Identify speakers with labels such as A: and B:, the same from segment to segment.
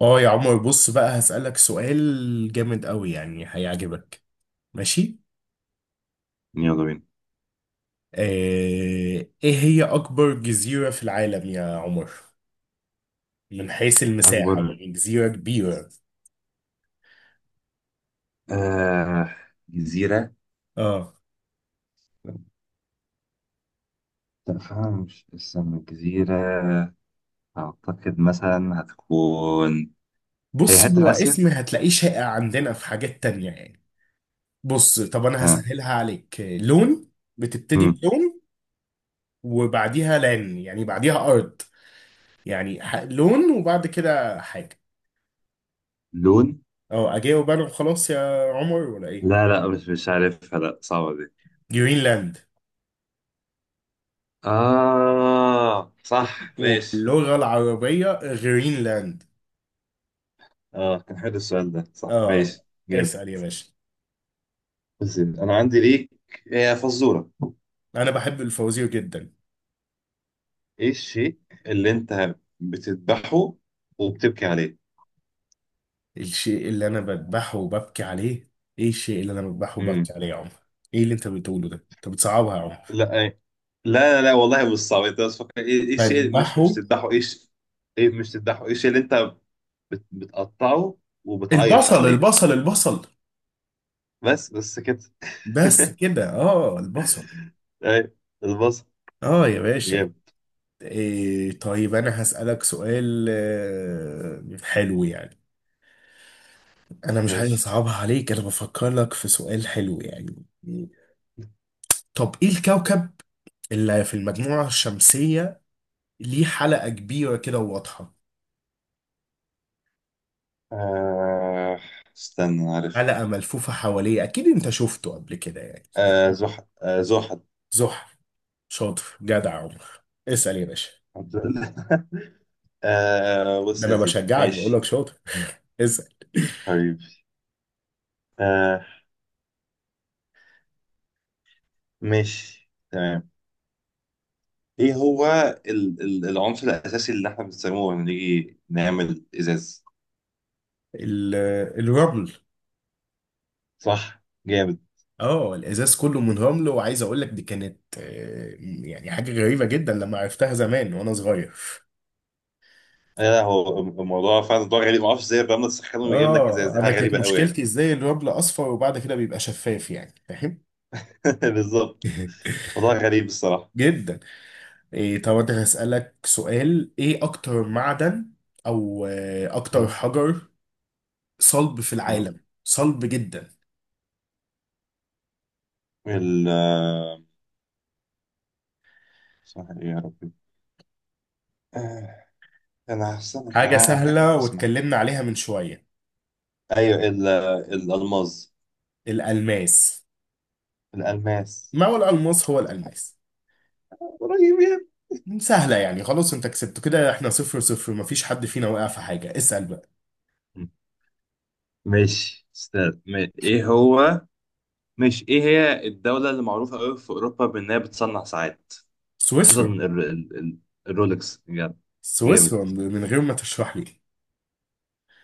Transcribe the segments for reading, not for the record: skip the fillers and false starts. A: اه يا عمر، بص بقى هسألك سؤال جامد قوي يعني هيعجبك. ماشي.
B: يلا بينا.
A: آه، ايه هي اكبر جزيرة في العالم يا عمر؟ من حيث المساحة،
B: أكبر.
A: يعني جزيرة كبيرة.
B: آه. جزيرة.
A: اه.
B: لا، فعلا مش استنى جزيرة. أعتقد مثلا هتكون هي
A: بص،
B: حتة
A: هو
B: في آسيا.
A: اسم هتلاقيه شائع عندنا في حاجات تانية يعني. بص، طب انا
B: ها.
A: هسهلها عليك. لون. بتبتدي
B: مم.
A: بلون، وبعديها لان يعني بعديها ارض. يعني لون وبعد كده حاجة.
B: لون.
A: اه اجاوب انا وخلاص يا عمر ولا ايه؟
B: لا، لا، مش عارفها، لا، صعبة دي.
A: جرينلاند.
B: آه، صح، ماشي.
A: واللغة العربية غرينلاند.
B: آه، كان حلو السؤال ده، صح،
A: اه.
B: ماشي، جامد.
A: اسأل يا باشا.
B: بس أنا عندي ليك، هي فزورة.
A: انا بحب الفوازير جدا.
B: إيه الشيء اللي أنت بتذبحه وبتبكي عليه؟
A: الشيء اللي انا بذبحه وببكي عليه. ايه الشيء اللي انا بذبحه
B: مم.
A: وببكي عليه يا عمر؟ ايه اللي انت بتقوله ده؟ انت بتصعبها يا عمر.
B: لا، لا، لا، لا، والله مش صعب، انت بس فكر، ايه الشيء مش
A: بذبحه.
B: مش تذبحه، ايه ايه، مش تذبحه، ايه الشيء اللي انت بتقطعه وبتعيط
A: البصل
B: عليه؟
A: البصل البصل.
B: بس بس كده.
A: بس كده، اه، البصل.
B: ايه، البصل.
A: اه يا باشا.
B: جامد.
A: إيه، طيب انا هسألك سؤال حلو يعني. انا مش عايز
B: ماشي،
A: اصعبها عليك، انا بفكر لك في سؤال حلو يعني. طب ايه الكوكب اللي في المجموعة الشمسية ليه حلقة كبيرة كده وواضحة؟
B: آه استنى، عارف.
A: حلقة ملفوفة حواليه، أكيد أنت شفته قبل كده يعني،
B: آه،
A: أكيد.
B: زحل، آه، زحل.
A: زحل. شاطر، جدع عمر. اسأل يا باشا.
B: آه،
A: ده
B: بص
A: أنا
B: يا سيدي،
A: بشجعك بقول لك
B: ماشي.
A: شاطر. اسأل.
B: حبيبي، آه ماشي، تمام. ايه هو العنصر الاساسي اللي احنا بنستخدمه لما نيجي نعمل ازاز؟
A: ال- الرمل.
B: صح، جامد.
A: اه الازاز كله من رمل، وعايز اقول لك دي كانت يعني حاجه غريبه جدا لما عرفتها زمان وانا صغير.
B: هو الموضوع فعلا موضوع غريب. ما اعرفش ازاي الرمله تسخنه ويجيب لك ازاز،
A: اه
B: دي
A: انا
B: حاجه
A: كانت
B: غريبه قوي يعني.
A: مشكلتي ازاي الرمل اصفر وبعد كده بيبقى شفاف، يعني فاهم.
B: بالظبط. موضوع غريب الصراحه.
A: جدا. إيه، طب أنا هسألك سؤال، إيه أكتر معدن أو أكتر
B: مم.
A: حجر صلب في
B: مم.
A: العالم، صلب جدا؟
B: ال آه، اسمها ايه يا ربي؟ آه، انا هستنى.
A: حاجة
B: أنا متاكد إن
A: سهلة
B: في اسمها.
A: واتكلمنا عليها من شوية.
B: ايوه، الالماس.
A: الألماس.
B: الالماس.
A: ما هو الألماس، هو الألماس.
B: قريب يعني.
A: سهلة يعني، خلاص أنت كسبت كده. إحنا صفر صفر، مفيش حد فينا وقع في حاجة. اسأل بقى.
B: مم. ماشي استاذ، ايه هو مش ايه هي الدوله اللي معروفه قوي في اوروبا بانها بتصنع ساعات؟ خصوصا
A: سويسرا.
B: الرولكس يعني. جامد.
A: سويسرا من غير ما تشرح لي.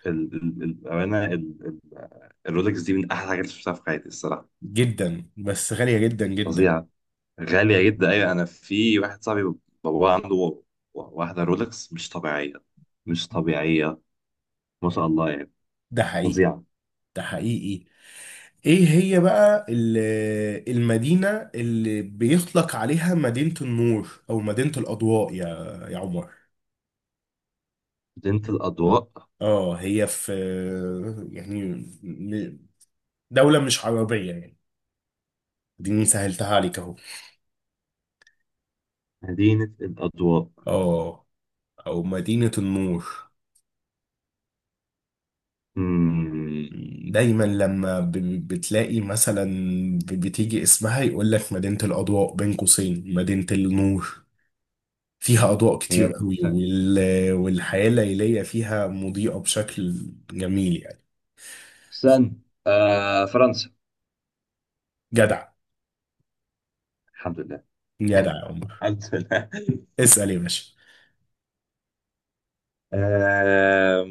B: الأمانة، ال- الرولكس دي من أحلى الحاجات اللي شفتها في حياتي الصراحة.
A: جدا، بس غالية جدا جدا.
B: فظيعة. غالية جدا، أيوة، أنا في واحد صاحبي بابا عنده واحدة رولكس مش طبيعية. مش طبيعية. ما شاء الله يعني.
A: ده حقيقي.
B: فظيعة.
A: ده حقيقي. ايه هي بقى المدينة اللي بيطلق عليها مدينة النور او مدينة الاضواء يا عمر؟
B: مدينة الأضواء.
A: اه، هي في يعني، م- دولة مش عربية يعني. دي سهلتها عليك اهو.
B: مدينة الأضواء.
A: اه، او مدينة النور.
B: مم.
A: دايما لما بتلاقي مثلا بتيجي اسمها يقول لك مدينة الاضواء بين قوسين مدينة النور. فيها أضواء كتير
B: هي
A: قوي، والحياة الليلية فيها مضيئة بشكل جميل يعني.
B: سن آه فرنسا.
A: جدع،
B: الحمد لله.
A: جدع يا عمر.
B: الحمد لله.
A: اسأل يا باشا.
B: آه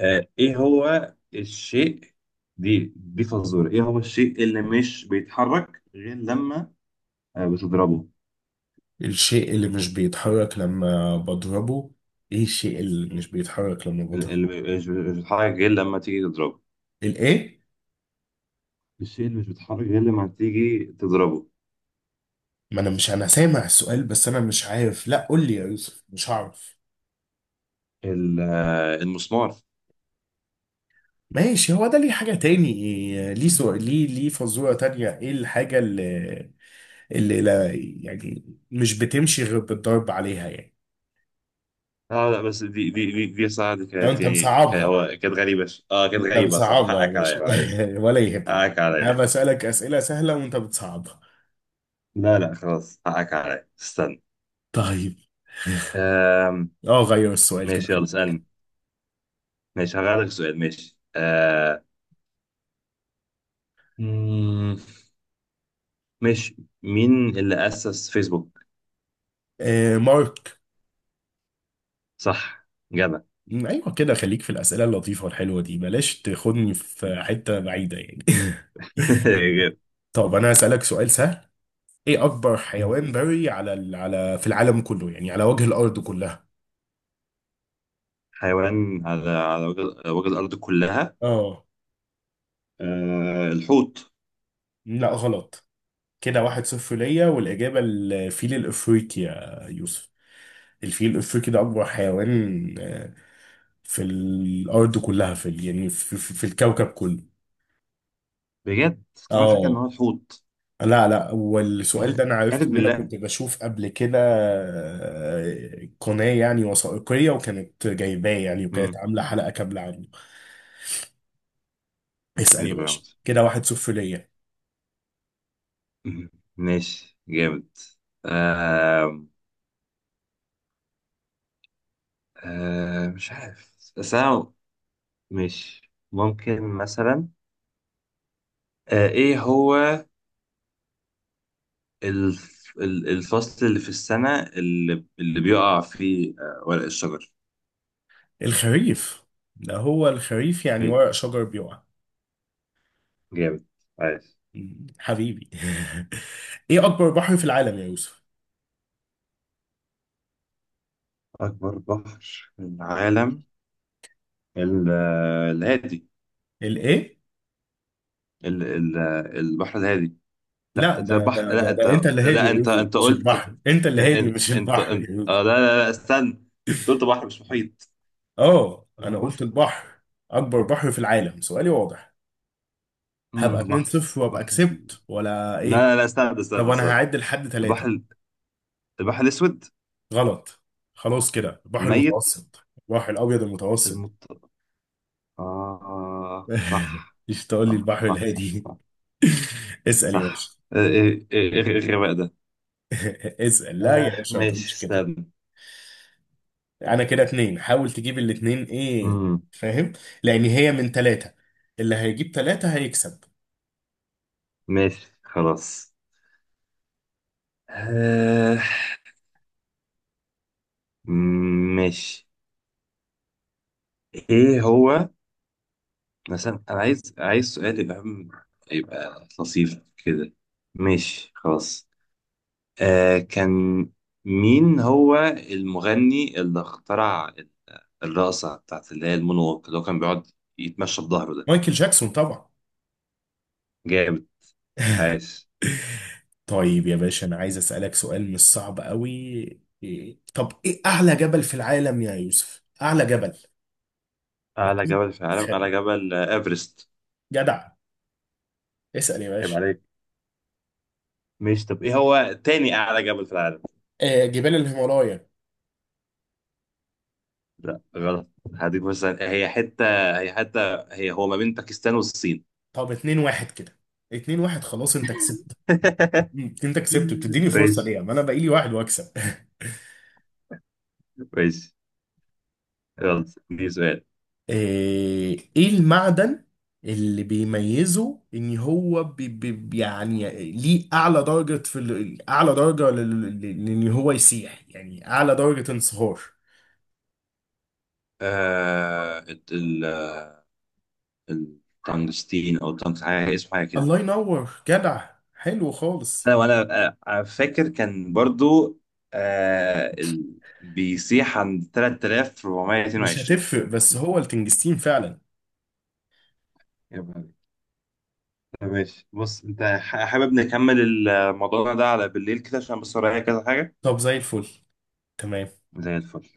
B: ايه هو الشيء. دي فزورة، ايه هو الشيء اللي مش بيتحرك غير لما بتضربه؟
A: الشيء اللي مش بيتحرك لما بضربه. ايه الشيء اللي مش بيتحرك لما
B: اللي
A: بضربه؟
B: مش بيتحرك غير لما تيجي تضربه.
A: الايه؟
B: الشيء اللي مش بيتحرك غير لما تيجي تضربه.
A: ما انا مش، انا سامع السؤال، بس انا مش عارف، لا قول لي يا يوسف مش هعرف.
B: المسمار.
A: ماشي، هو ده؟ ليه حاجة تاني؟ إيه ليه سؤال؟ ليه فزورة تانية، ايه الحاجة اللي لا يعني مش بتمشي غير بالضرب عليها يعني؟
B: اه، لا بس دي صراحة، دي
A: لو
B: كانت
A: انت
B: يعني
A: مصعبها،
B: هو كانت غريبة، كانت
A: انت
B: غريبة صراحة،
A: بتصعبها يا
B: حقك
A: باشا.
B: عليا معلش.
A: ولا يهمك يعني.
B: حقك
A: انا
B: عليا.
A: بسألك أسئلة سهلة وانت بتصعبها.
B: لا، لا، خلاص، حقك عليا، استنى.
A: طيب.
B: آم،
A: اه غير السؤال كده،
B: ماشي، يلا
A: خليك.
B: اسألني. ماشي، هغير لك سؤال، ماشي. آه، ماشي. مين اللي أسس فيسبوك؟
A: آه مارك.
B: صح. جدع.
A: ايوه كده، خليك في الأسئلة اللطيفة والحلوة دي، بلاش تاخدني في حتة بعيدة يعني. طب انا هسألك سؤال سهل. ايه اكبر
B: مم.
A: حيوان بري على على في العالم كله، يعني على وجه الارض كلها؟
B: حيوان على وجه الأرض كلها.
A: اه.
B: آه، الحوت.
A: لا غلط. كده واحد صفر ليا، والإجابة الفيل الأفريقي يا يوسف. الفيل الأفريقي ده أكبر حيوان في الارض كلها، يعني في الكوكب كله.
B: بجد. كمان فاكر إن
A: اه.
B: هو الحوت.
A: لا لا، والسؤال ده انا عرفته
B: قالب
A: ان انا
B: بالله.
A: كنت بشوف قبل كده قناة يعني وثائقية، وكانت جايباه يعني، وكانت
B: مم.
A: عاملة حلقة كاملة عنه. اسأل
B: غريب
A: يا
B: أوي يا عمر.
A: باشا، كده واحد صفر ليا.
B: مم. ماشي، جامد. آه مش عارف بس أنا ماشي، ممكن مثلا. إيه هو الفصل اللي في السنة اللي بيقع فيه ورق الشجر؟
A: الخريف. ده هو الخريف يعني، ورق شجر بيقع.
B: جامد. عايز.
A: حبيبي. ايه اكبر بحر في العالم يا يوسف؟
B: أكبر بحر في العالم، ال- الهادي،
A: الايه؟
B: ال- ال- البحر الهادي. لا
A: لا،
B: انت
A: ده
B: بحر،
A: ده
B: لا
A: ده,
B: انت.
A: ده انت اللي هادي
B: لا،
A: يا
B: انت
A: يوسف،
B: انت
A: مش
B: قلت.
A: البحر، انت
B: ان-
A: اللي هادي
B: ان-
A: مش
B: انت
A: البحر
B: انت
A: يا...
B: آه لا، لا، لا، استنى، انت قلت بحر مش محيط.
A: اه
B: لا
A: انا قلت
B: بحر.
A: البحر، اكبر بحر في العالم، سؤالي واضح. هبقى 2
B: بحر.
A: 0 وابقى
B: بحر
A: كسبت ولا
B: لا،
A: ايه؟
B: لا، لا، استنى،
A: طب
B: استنى،
A: انا
B: استنى.
A: هعد لحد
B: البحر
A: ثلاثة.
B: البحر الاسود.
A: غلط. خلاص كده، البحر
B: الميت.
A: المتوسط، البحر الابيض المتوسط.
B: المط اه، صح
A: مش تقول لي
B: صح.
A: البحر
B: صح، صح،
A: الهادي.
B: صح،
A: اسال يا باشا.
B: صح، ايه ايه إيه إيه الغباء ده؟
A: اسال لا يا باشا، ما
B: ماشي،
A: تقولش كده.
B: استنى.
A: انا كده اتنين، حاول تجيب الاتنين ايه، فاهم؟ لان هي من ثلاثة، اللي هيجيب ثلاثة هيكسب.
B: ماشي، خلاص. آه ماشي. ايه هو مثلا، انا عايز، سؤال يبقى يبقى لطيف كده. ماشي، خلاص. كان. مين هو المغني اللي اخترع الرقصة بتاعت اللي هي المونوك، اللي هو كان بيقعد يتمشى بظهره ده؟
A: مايكل جاكسون طبعا.
B: جامد. عايش.
A: طيب يا باشا، انا عايز اسالك سؤال مش صعب قوي. طب ايه اعلى جبل في العالم يا يوسف؟ اعلى جبل.
B: أعلى
A: اكيد.
B: جبل في العالم،
A: خد.
B: أعلى جبل، إيفرست.
A: جدع. اسال يا
B: عيب
A: باشا.
B: عليك. ماشي، طب إيه هو تاني أعلى جبل في العالم؟
A: آه جبال الهيمالايا.
B: لا، غلط. هديك مثلا، هي حتة، هو ما بين باكستان والصين.
A: طب اتنين واحد كده، اتنين واحد، خلاص انت كسبت. انت كسبت، بتديني فرصه
B: ماشي،
A: ليه؟ ما انا بقى لي واحد واكسب.
B: ماشي، يلا، دي سؤال.
A: ايه، إيه المعدن اللي بيميزه ان هو بي يعني ليه اعلى درجة في اعلى درجة لان هو يسيح، يعني اعلى درجة انصهار؟
B: آه الت- ال ال- التنجستين او التنجستين، حاجة اسمه حاجة كده.
A: الله ينور، جدع، حلو خالص.
B: سنة وانا، فاكر كان برضو. آه ال... بيسيح عند
A: مش
B: 3422.
A: هتفرق بس هو التنجستين فعلا.
B: يا بابا. طب ماشي، بص انت حابب نكمل الموضوع ده على بالليل كده، عشان بس ورايا كذا حاجة.
A: طب زي الفل. تمام.
B: زي الفل.